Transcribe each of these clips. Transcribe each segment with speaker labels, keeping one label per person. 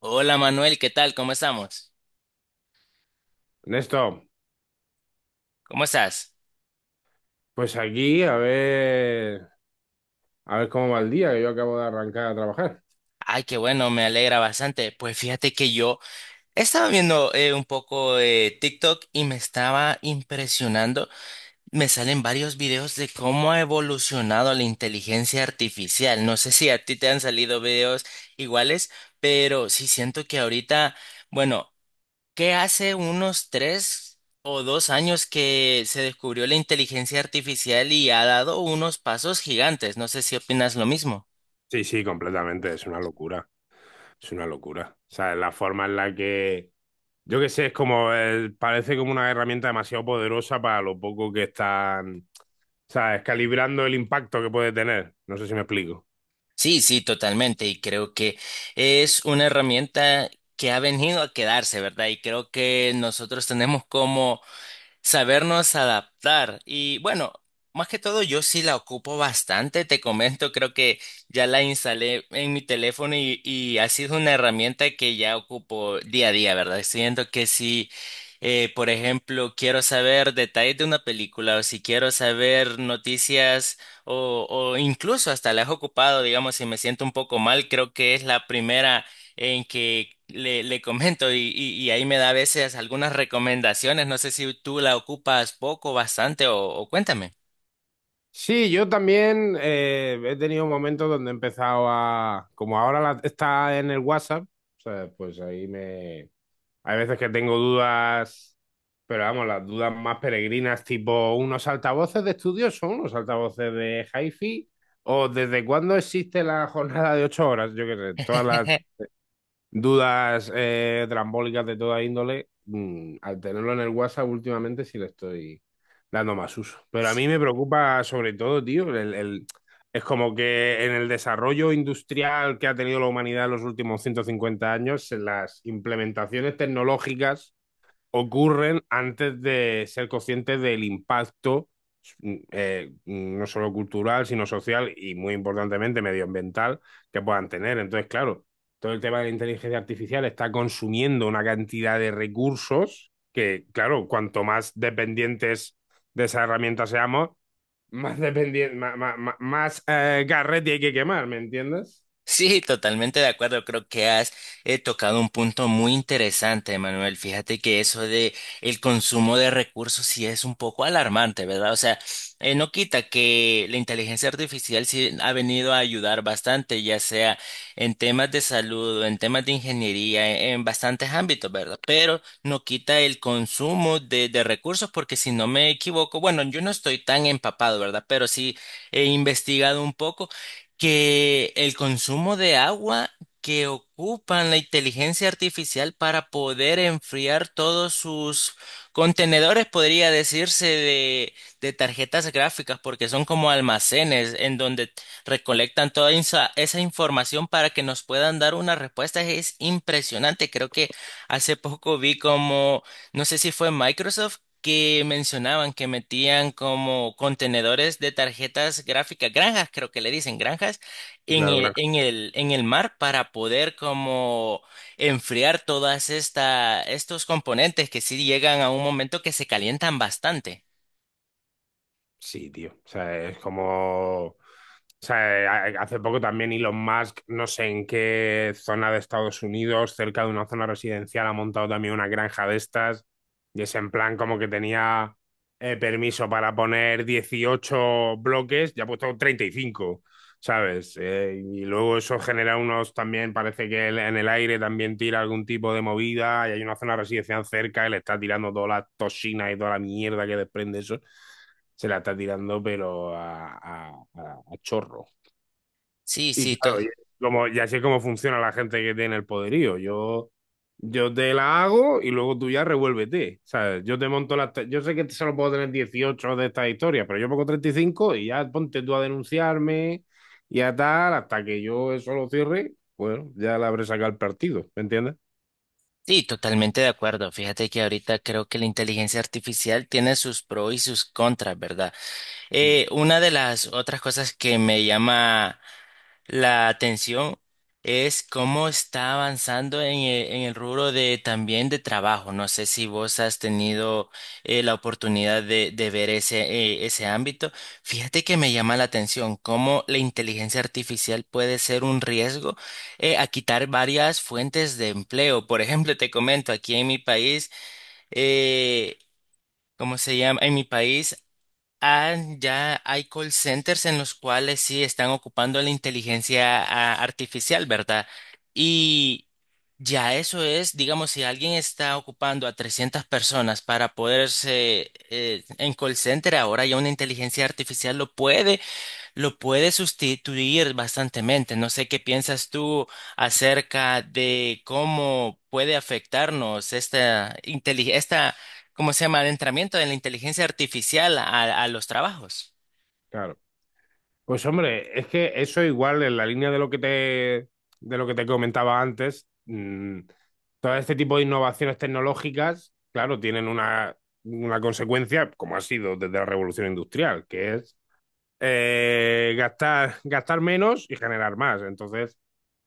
Speaker 1: Hola Manuel, ¿qué tal? ¿Cómo estamos?
Speaker 2: Ernesto,
Speaker 1: ¿Cómo estás?
Speaker 2: pues aquí a ver cómo va el día, que yo acabo de arrancar a trabajar.
Speaker 1: Ay, qué bueno, me alegra bastante. Pues fíjate que yo estaba viendo un poco de TikTok y me estaba impresionando. Me salen varios videos de cómo ha evolucionado la inteligencia artificial. No sé si a ti te han salido videos iguales, pero sí siento que ahorita, bueno. Que hace unos tres o dos años que se descubrió la inteligencia artificial y ha dado unos pasos gigantes. No sé si opinas lo mismo.
Speaker 2: Sí, sí, completamente, es una locura, es una locura. O sea, la forma en la que, yo qué sé, es como, parece como una herramienta demasiado poderosa para lo poco que están, ¿sabes? Calibrando el impacto que puede tener. No sé si me explico.
Speaker 1: Sí, sí, totalmente. Y creo que es una herramienta que ha venido a quedarse, ¿verdad? Y creo que nosotros tenemos como sabernos adaptar. Y bueno, más que todo yo sí la ocupo bastante, te comento, creo que ya la instalé en mi teléfono y ha sido una herramienta que ya ocupo día a día, ¿verdad? Siento que si, por ejemplo, quiero saber detalles de una película o si quiero saber noticias o incluso hasta la he ocupado, digamos, si me siento un poco mal, creo que es la primera en que le comento y ahí me da a veces algunas recomendaciones. No sé si tú la ocupas poco, bastante o cuéntame.
Speaker 2: Sí, yo también he tenido momentos donde he empezado a, como ahora está en el WhatsApp, o sea, pues ahí me. Hay veces que tengo dudas, pero vamos, las dudas más peregrinas, tipo unos altavoces de estudio son unos altavoces de hi-fi, o desde cuándo existe la jornada de 8 horas, yo qué sé, todas las dudas trambólicas de toda índole, al tenerlo en el WhatsApp últimamente sí le estoy dando más uso. Pero a mí me preocupa sobre todo, tío, es como que en el desarrollo industrial que ha tenido la humanidad en los últimos 150 años, en las implementaciones tecnológicas ocurren antes de ser conscientes del impacto, no solo cultural, sino social y muy importantemente medioambiental que puedan tener. Entonces, claro, todo el tema de la inteligencia artificial está consumiendo una cantidad de recursos que, claro, cuanto más dependientes de esa herramienta seamos, más, dependiente, más, garrete hay que quemar, ¿me entiendes?
Speaker 1: Sí, totalmente de acuerdo. Creo que has tocado un punto muy interesante, Manuel. Fíjate que eso de el consumo de recursos sí es un poco alarmante, ¿verdad? O sea, no quita que la inteligencia artificial sí ha venido a ayudar bastante, ya sea en temas de salud, en temas de ingeniería, en bastantes ámbitos, ¿verdad? Pero no quita el consumo de recursos, porque si no me equivoco, bueno, yo no estoy tan empapado, ¿verdad? Pero sí he investigado un poco que el consumo de agua que ocupan la inteligencia artificial para poder enfriar todos sus contenedores, podría decirse, de tarjetas gráficas, porque son como almacenes en donde recolectan toda esa información para que nos puedan dar una respuesta. Es impresionante. Creo que hace poco vi como, no sé si fue Microsoft, que mencionaban que metían como contenedores de tarjetas gráficas, granjas, creo que le dicen granjas,
Speaker 2: Y claro, gran
Speaker 1: en el mar para poder como enfriar todas estos componentes que sí llegan a un momento que se calientan bastante.
Speaker 2: Sí, tío. O sea, es como. O sea, hace poco también Elon Musk, no sé en qué zona de Estados Unidos, cerca de una zona residencial, ha montado también una granja de estas. Y es en plan como que tenía permiso para poner 18 bloques, ya ha puesto 35, ¿sabes? Y luego eso genera unos también, parece que él en el aire también tira algún tipo de movida. Y hay una zona residencial cerca, él está tirando todas las toxinas y toda la mierda que desprende eso se la está tirando, pero a chorro.
Speaker 1: Sí,
Speaker 2: Y
Speaker 1: sí, to-
Speaker 2: claro, y como, ya sé cómo funciona la gente que tiene el poderío. Yo te la hago y luego tú ya revuélvete. ¿Sabes? Yo te monto las. Te- Yo sé que solo puedo tener 18 de estas historias, pero yo pongo 35 y cinco y ya ponte tú a denunciarme y a tal, hasta que yo eso lo cierre. Bueno, ya la habré sacado el partido, ¿me entiendes?
Speaker 1: sí, totalmente de acuerdo. Fíjate que ahorita creo que la inteligencia artificial tiene sus pros y sus contras, ¿verdad?
Speaker 2: Mm.
Speaker 1: Una de las otras cosas que me llama la atención es cómo está avanzando en el rubro de también de trabajo. No sé si vos has tenido la oportunidad de ver ese, ese ámbito. Fíjate que me llama la atención cómo la inteligencia artificial puede ser un riesgo a quitar varias fuentes de empleo. Por ejemplo, te comento, aquí en mi país, eh, ¿cómo se llama? En mi país. Ah, ya hay call centers en los cuales sí están ocupando la inteligencia artificial, ¿verdad? Y ya eso es, digamos, si alguien está ocupando a 300 personas para poderse en call center, ahora ya una inteligencia artificial lo puede sustituir bastantemente. No sé qué piensas tú acerca de cómo puede afectarnos esta, ¿cómo se llama? Adentramiento de la inteligencia artificial a los trabajos.
Speaker 2: Claro. Pues hombre, es que eso igual en la línea de lo que te, comentaba antes, mm, todo este tipo de innovaciones tecnológicas, claro, tienen una consecuencia, como ha sido desde la revolución industrial, que es gastar, gastar menos y generar más. Entonces,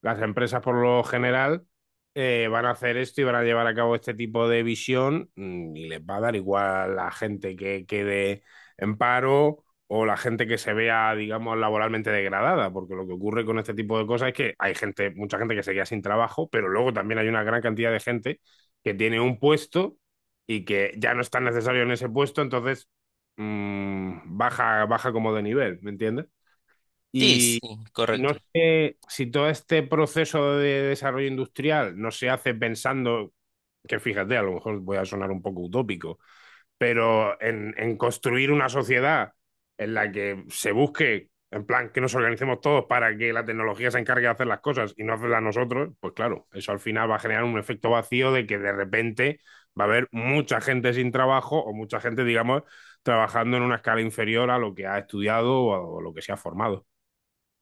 Speaker 2: las empresas por lo general van a hacer esto y van a llevar a cabo este tipo de visión, y les va a dar igual la gente que quede en paro o la gente que se vea, digamos, laboralmente degradada, porque lo que ocurre con este tipo de cosas es que hay gente, mucha gente que se queda sin trabajo, pero luego también hay una gran cantidad de gente que tiene un puesto y que ya no está necesario en ese puesto, entonces baja, baja como de nivel, ¿me entiendes?
Speaker 1: Sí,
Speaker 2: Y,
Speaker 1: sí,
Speaker 2: y no
Speaker 1: correcto.
Speaker 2: sé si todo este proceso de desarrollo industrial no se hace pensando, que fíjate, a lo mejor voy a sonar un poco utópico, pero en, construir una sociedad en la que se busque, en plan, que nos organicemos todos para que la tecnología se encargue de hacer las cosas y no hacerlas nosotros, pues claro, eso al final va a generar un efecto vacío de que de repente va a haber mucha gente sin trabajo o mucha gente, digamos, trabajando en una escala inferior a lo que ha estudiado o o lo que se ha formado.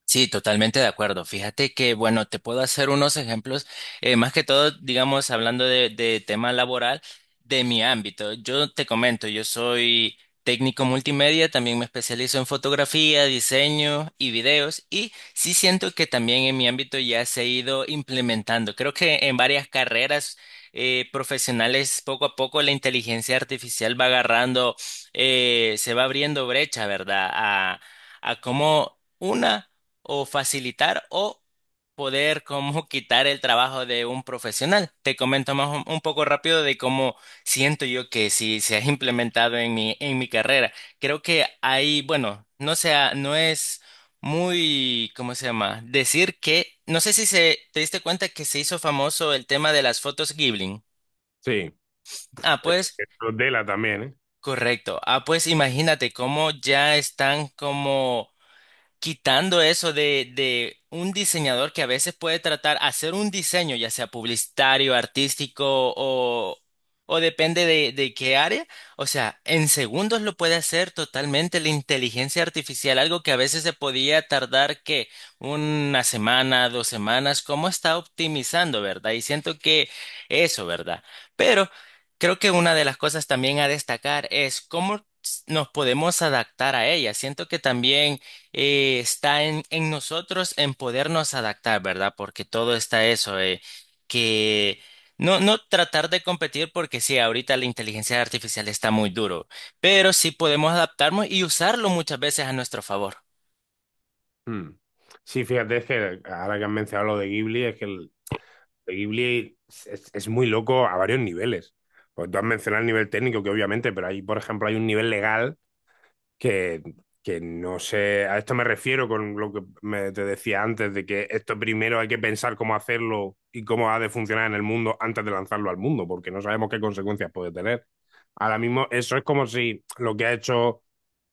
Speaker 1: Sí, totalmente de acuerdo. Fíjate que, bueno, te puedo hacer unos ejemplos, más que todo, digamos, hablando de tema laboral de mi ámbito. Yo te comento, yo soy técnico multimedia, también me especializo en fotografía, diseño y videos, y sí siento que también en mi ámbito ya se ha ido implementando. Creo que en varias carreras profesionales, poco a poco, la inteligencia artificial va agarrando, se va abriendo brecha, ¿verdad? A cómo... Una o facilitar o poder como quitar el trabajo de un profesional. Te comento más un poco rápido de cómo siento yo que si se ha implementado en mi carrera. Creo que hay, bueno, no sea, no es muy, ¿cómo se llama? Decir que, no sé si se, te diste cuenta que se hizo famoso el tema de las fotos Ghibli.
Speaker 2: Sí,
Speaker 1: Ah,
Speaker 2: es,
Speaker 1: pues,
Speaker 2: es lo de la también, ¿eh?
Speaker 1: correcto. Ah, pues imagínate cómo ya están como quitando eso de un diseñador que a veces puede tratar hacer un diseño, ya sea publicitario, artístico o, o depende de qué área. O sea, en segundos lo puede hacer totalmente la inteligencia artificial, algo que a veces se podía tardar que una semana, dos semanas, cómo está optimizando, ¿verdad? Y siento que eso, ¿verdad? Pero creo que una de las cosas también a destacar es cómo nos podemos adaptar a ella. Siento que también está en nosotros en podernos adaptar, ¿verdad? Porque todo está eso, que no, no tratar de competir porque sí, ahorita la inteligencia artificial está muy duro, pero sí podemos adaptarnos y usarlo muchas veces a nuestro favor,
Speaker 2: Mm. Sí, fíjate, es que ahora que han mencionado lo de Ghibli, es que de Ghibli es muy loco a varios niveles. Pues tú has mencionado el nivel técnico, que obviamente, pero ahí, por ejemplo, hay un nivel legal que, que no sé. A esto me refiero con lo que te decía antes, de que esto primero hay que pensar cómo hacerlo y cómo ha de funcionar en el mundo antes de lanzarlo al mundo, porque no sabemos qué consecuencias puede tener. Ahora mismo, eso es como si lo que ha hecho.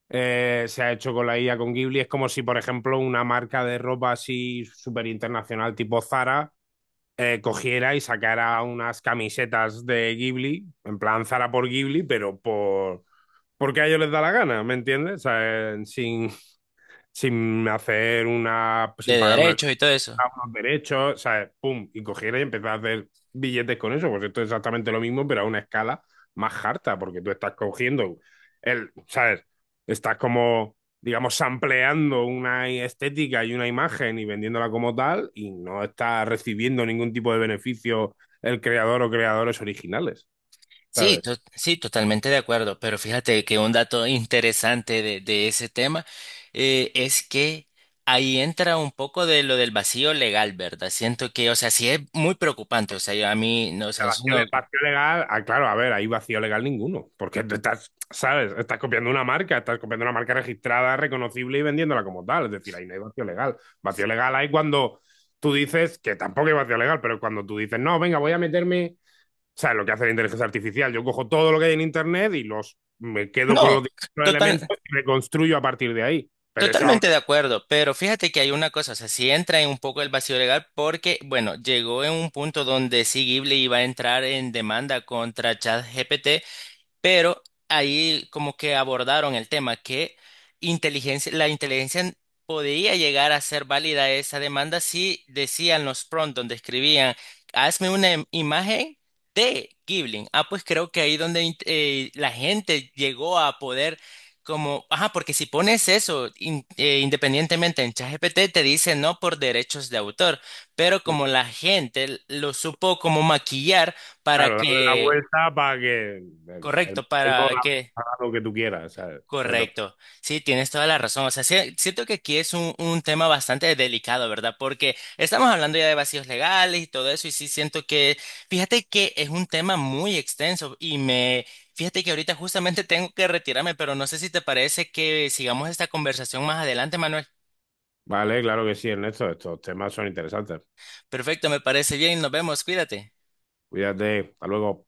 Speaker 2: Se ha hecho con la IA con Ghibli, es como si, por ejemplo, una marca de ropa así súper internacional tipo Zara cogiera y sacara unas camisetas de Ghibli, en plan Zara por Ghibli, pero porque a ellos les da la gana, ¿me entiendes? O sea,
Speaker 1: de
Speaker 2: sin pagar una
Speaker 1: derechos y todo
Speaker 2: a
Speaker 1: eso.
Speaker 2: unos derechos, ¿sabes? Pum, y cogiera y empezar a hacer billetes con eso. Pues esto es exactamente lo mismo, pero a una escala más harta, porque tú estás cogiendo ¿sabes? Estás como, digamos, sampleando una estética y una imagen y vendiéndola como tal, y no estás recibiendo ningún tipo de beneficio el creador o creadores originales, ¿sabes?
Speaker 1: Sí, totalmente de acuerdo, pero fíjate que un dato interesante de ese tema es que ahí entra un poco de lo del vacío legal, ¿verdad? Siento que, o sea, sí es muy preocupante, o sea, yo a mí, no, o sea,
Speaker 2: El
Speaker 1: es
Speaker 2: vacío,
Speaker 1: uno-
Speaker 2: le- vacío legal, ah, claro, a ver, ahí vacío legal ninguno, porque tú estás, ¿sabes? Estás copiando una marca, estás copiando una marca registrada, reconocible y vendiéndola como tal, es decir, ahí no hay vacío legal. Vacío legal hay cuando tú dices, que tampoco hay vacío legal, pero cuando tú dices, no, venga, voy a meterme, ¿sabes? Lo que hace la inteligencia artificial, yo cojo todo lo que hay en Internet y me quedo con
Speaker 1: no,
Speaker 2: los distintos
Speaker 1: total,
Speaker 2: elementos y reconstruyo a partir de ahí. Pero eso aún,
Speaker 1: totalmente de acuerdo, pero fíjate que hay una cosa, o sea, sí entra en un poco el vacío legal porque, bueno, llegó en un punto donde sí Ghibli iba a entrar en demanda contra ChatGPT. Pero ahí como que abordaron el tema que inteligencia, la inteligencia podía llegar a ser válida esa demanda si decían los prompts donde escribían, hazme una imagen de Ghibli. Ah, pues creo que ahí donde la gente llegó a poder como, ajá, porque si pones eso independientemente en ChatGPT te dice no por derechos de autor, pero como la gente lo supo como maquillar para
Speaker 2: claro, darle la
Speaker 1: que,
Speaker 2: vuelta para que
Speaker 1: correcto, para que
Speaker 2: lo que tú quieras, ¿sabes?
Speaker 1: correcto, sí, tienes toda la razón. O sea, siento que aquí es un tema bastante delicado, ¿verdad? Porque estamos hablando ya de vacíos legales y todo eso, y sí siento que, fíjate que es un tema muy extenso y me, fíjate que ahorita justamente tengo que retirarme, pero no sé si te parece que sigamos esta conversación más adelante, Manuel.
Speaker 2: Vale, claro que sí, Ernesto. Estos temas son interesantes.
Speaker 1: Perfecto, me parece bien, nos vemos, cuídate.
Speaker 2: Cuídate. Hasta luego.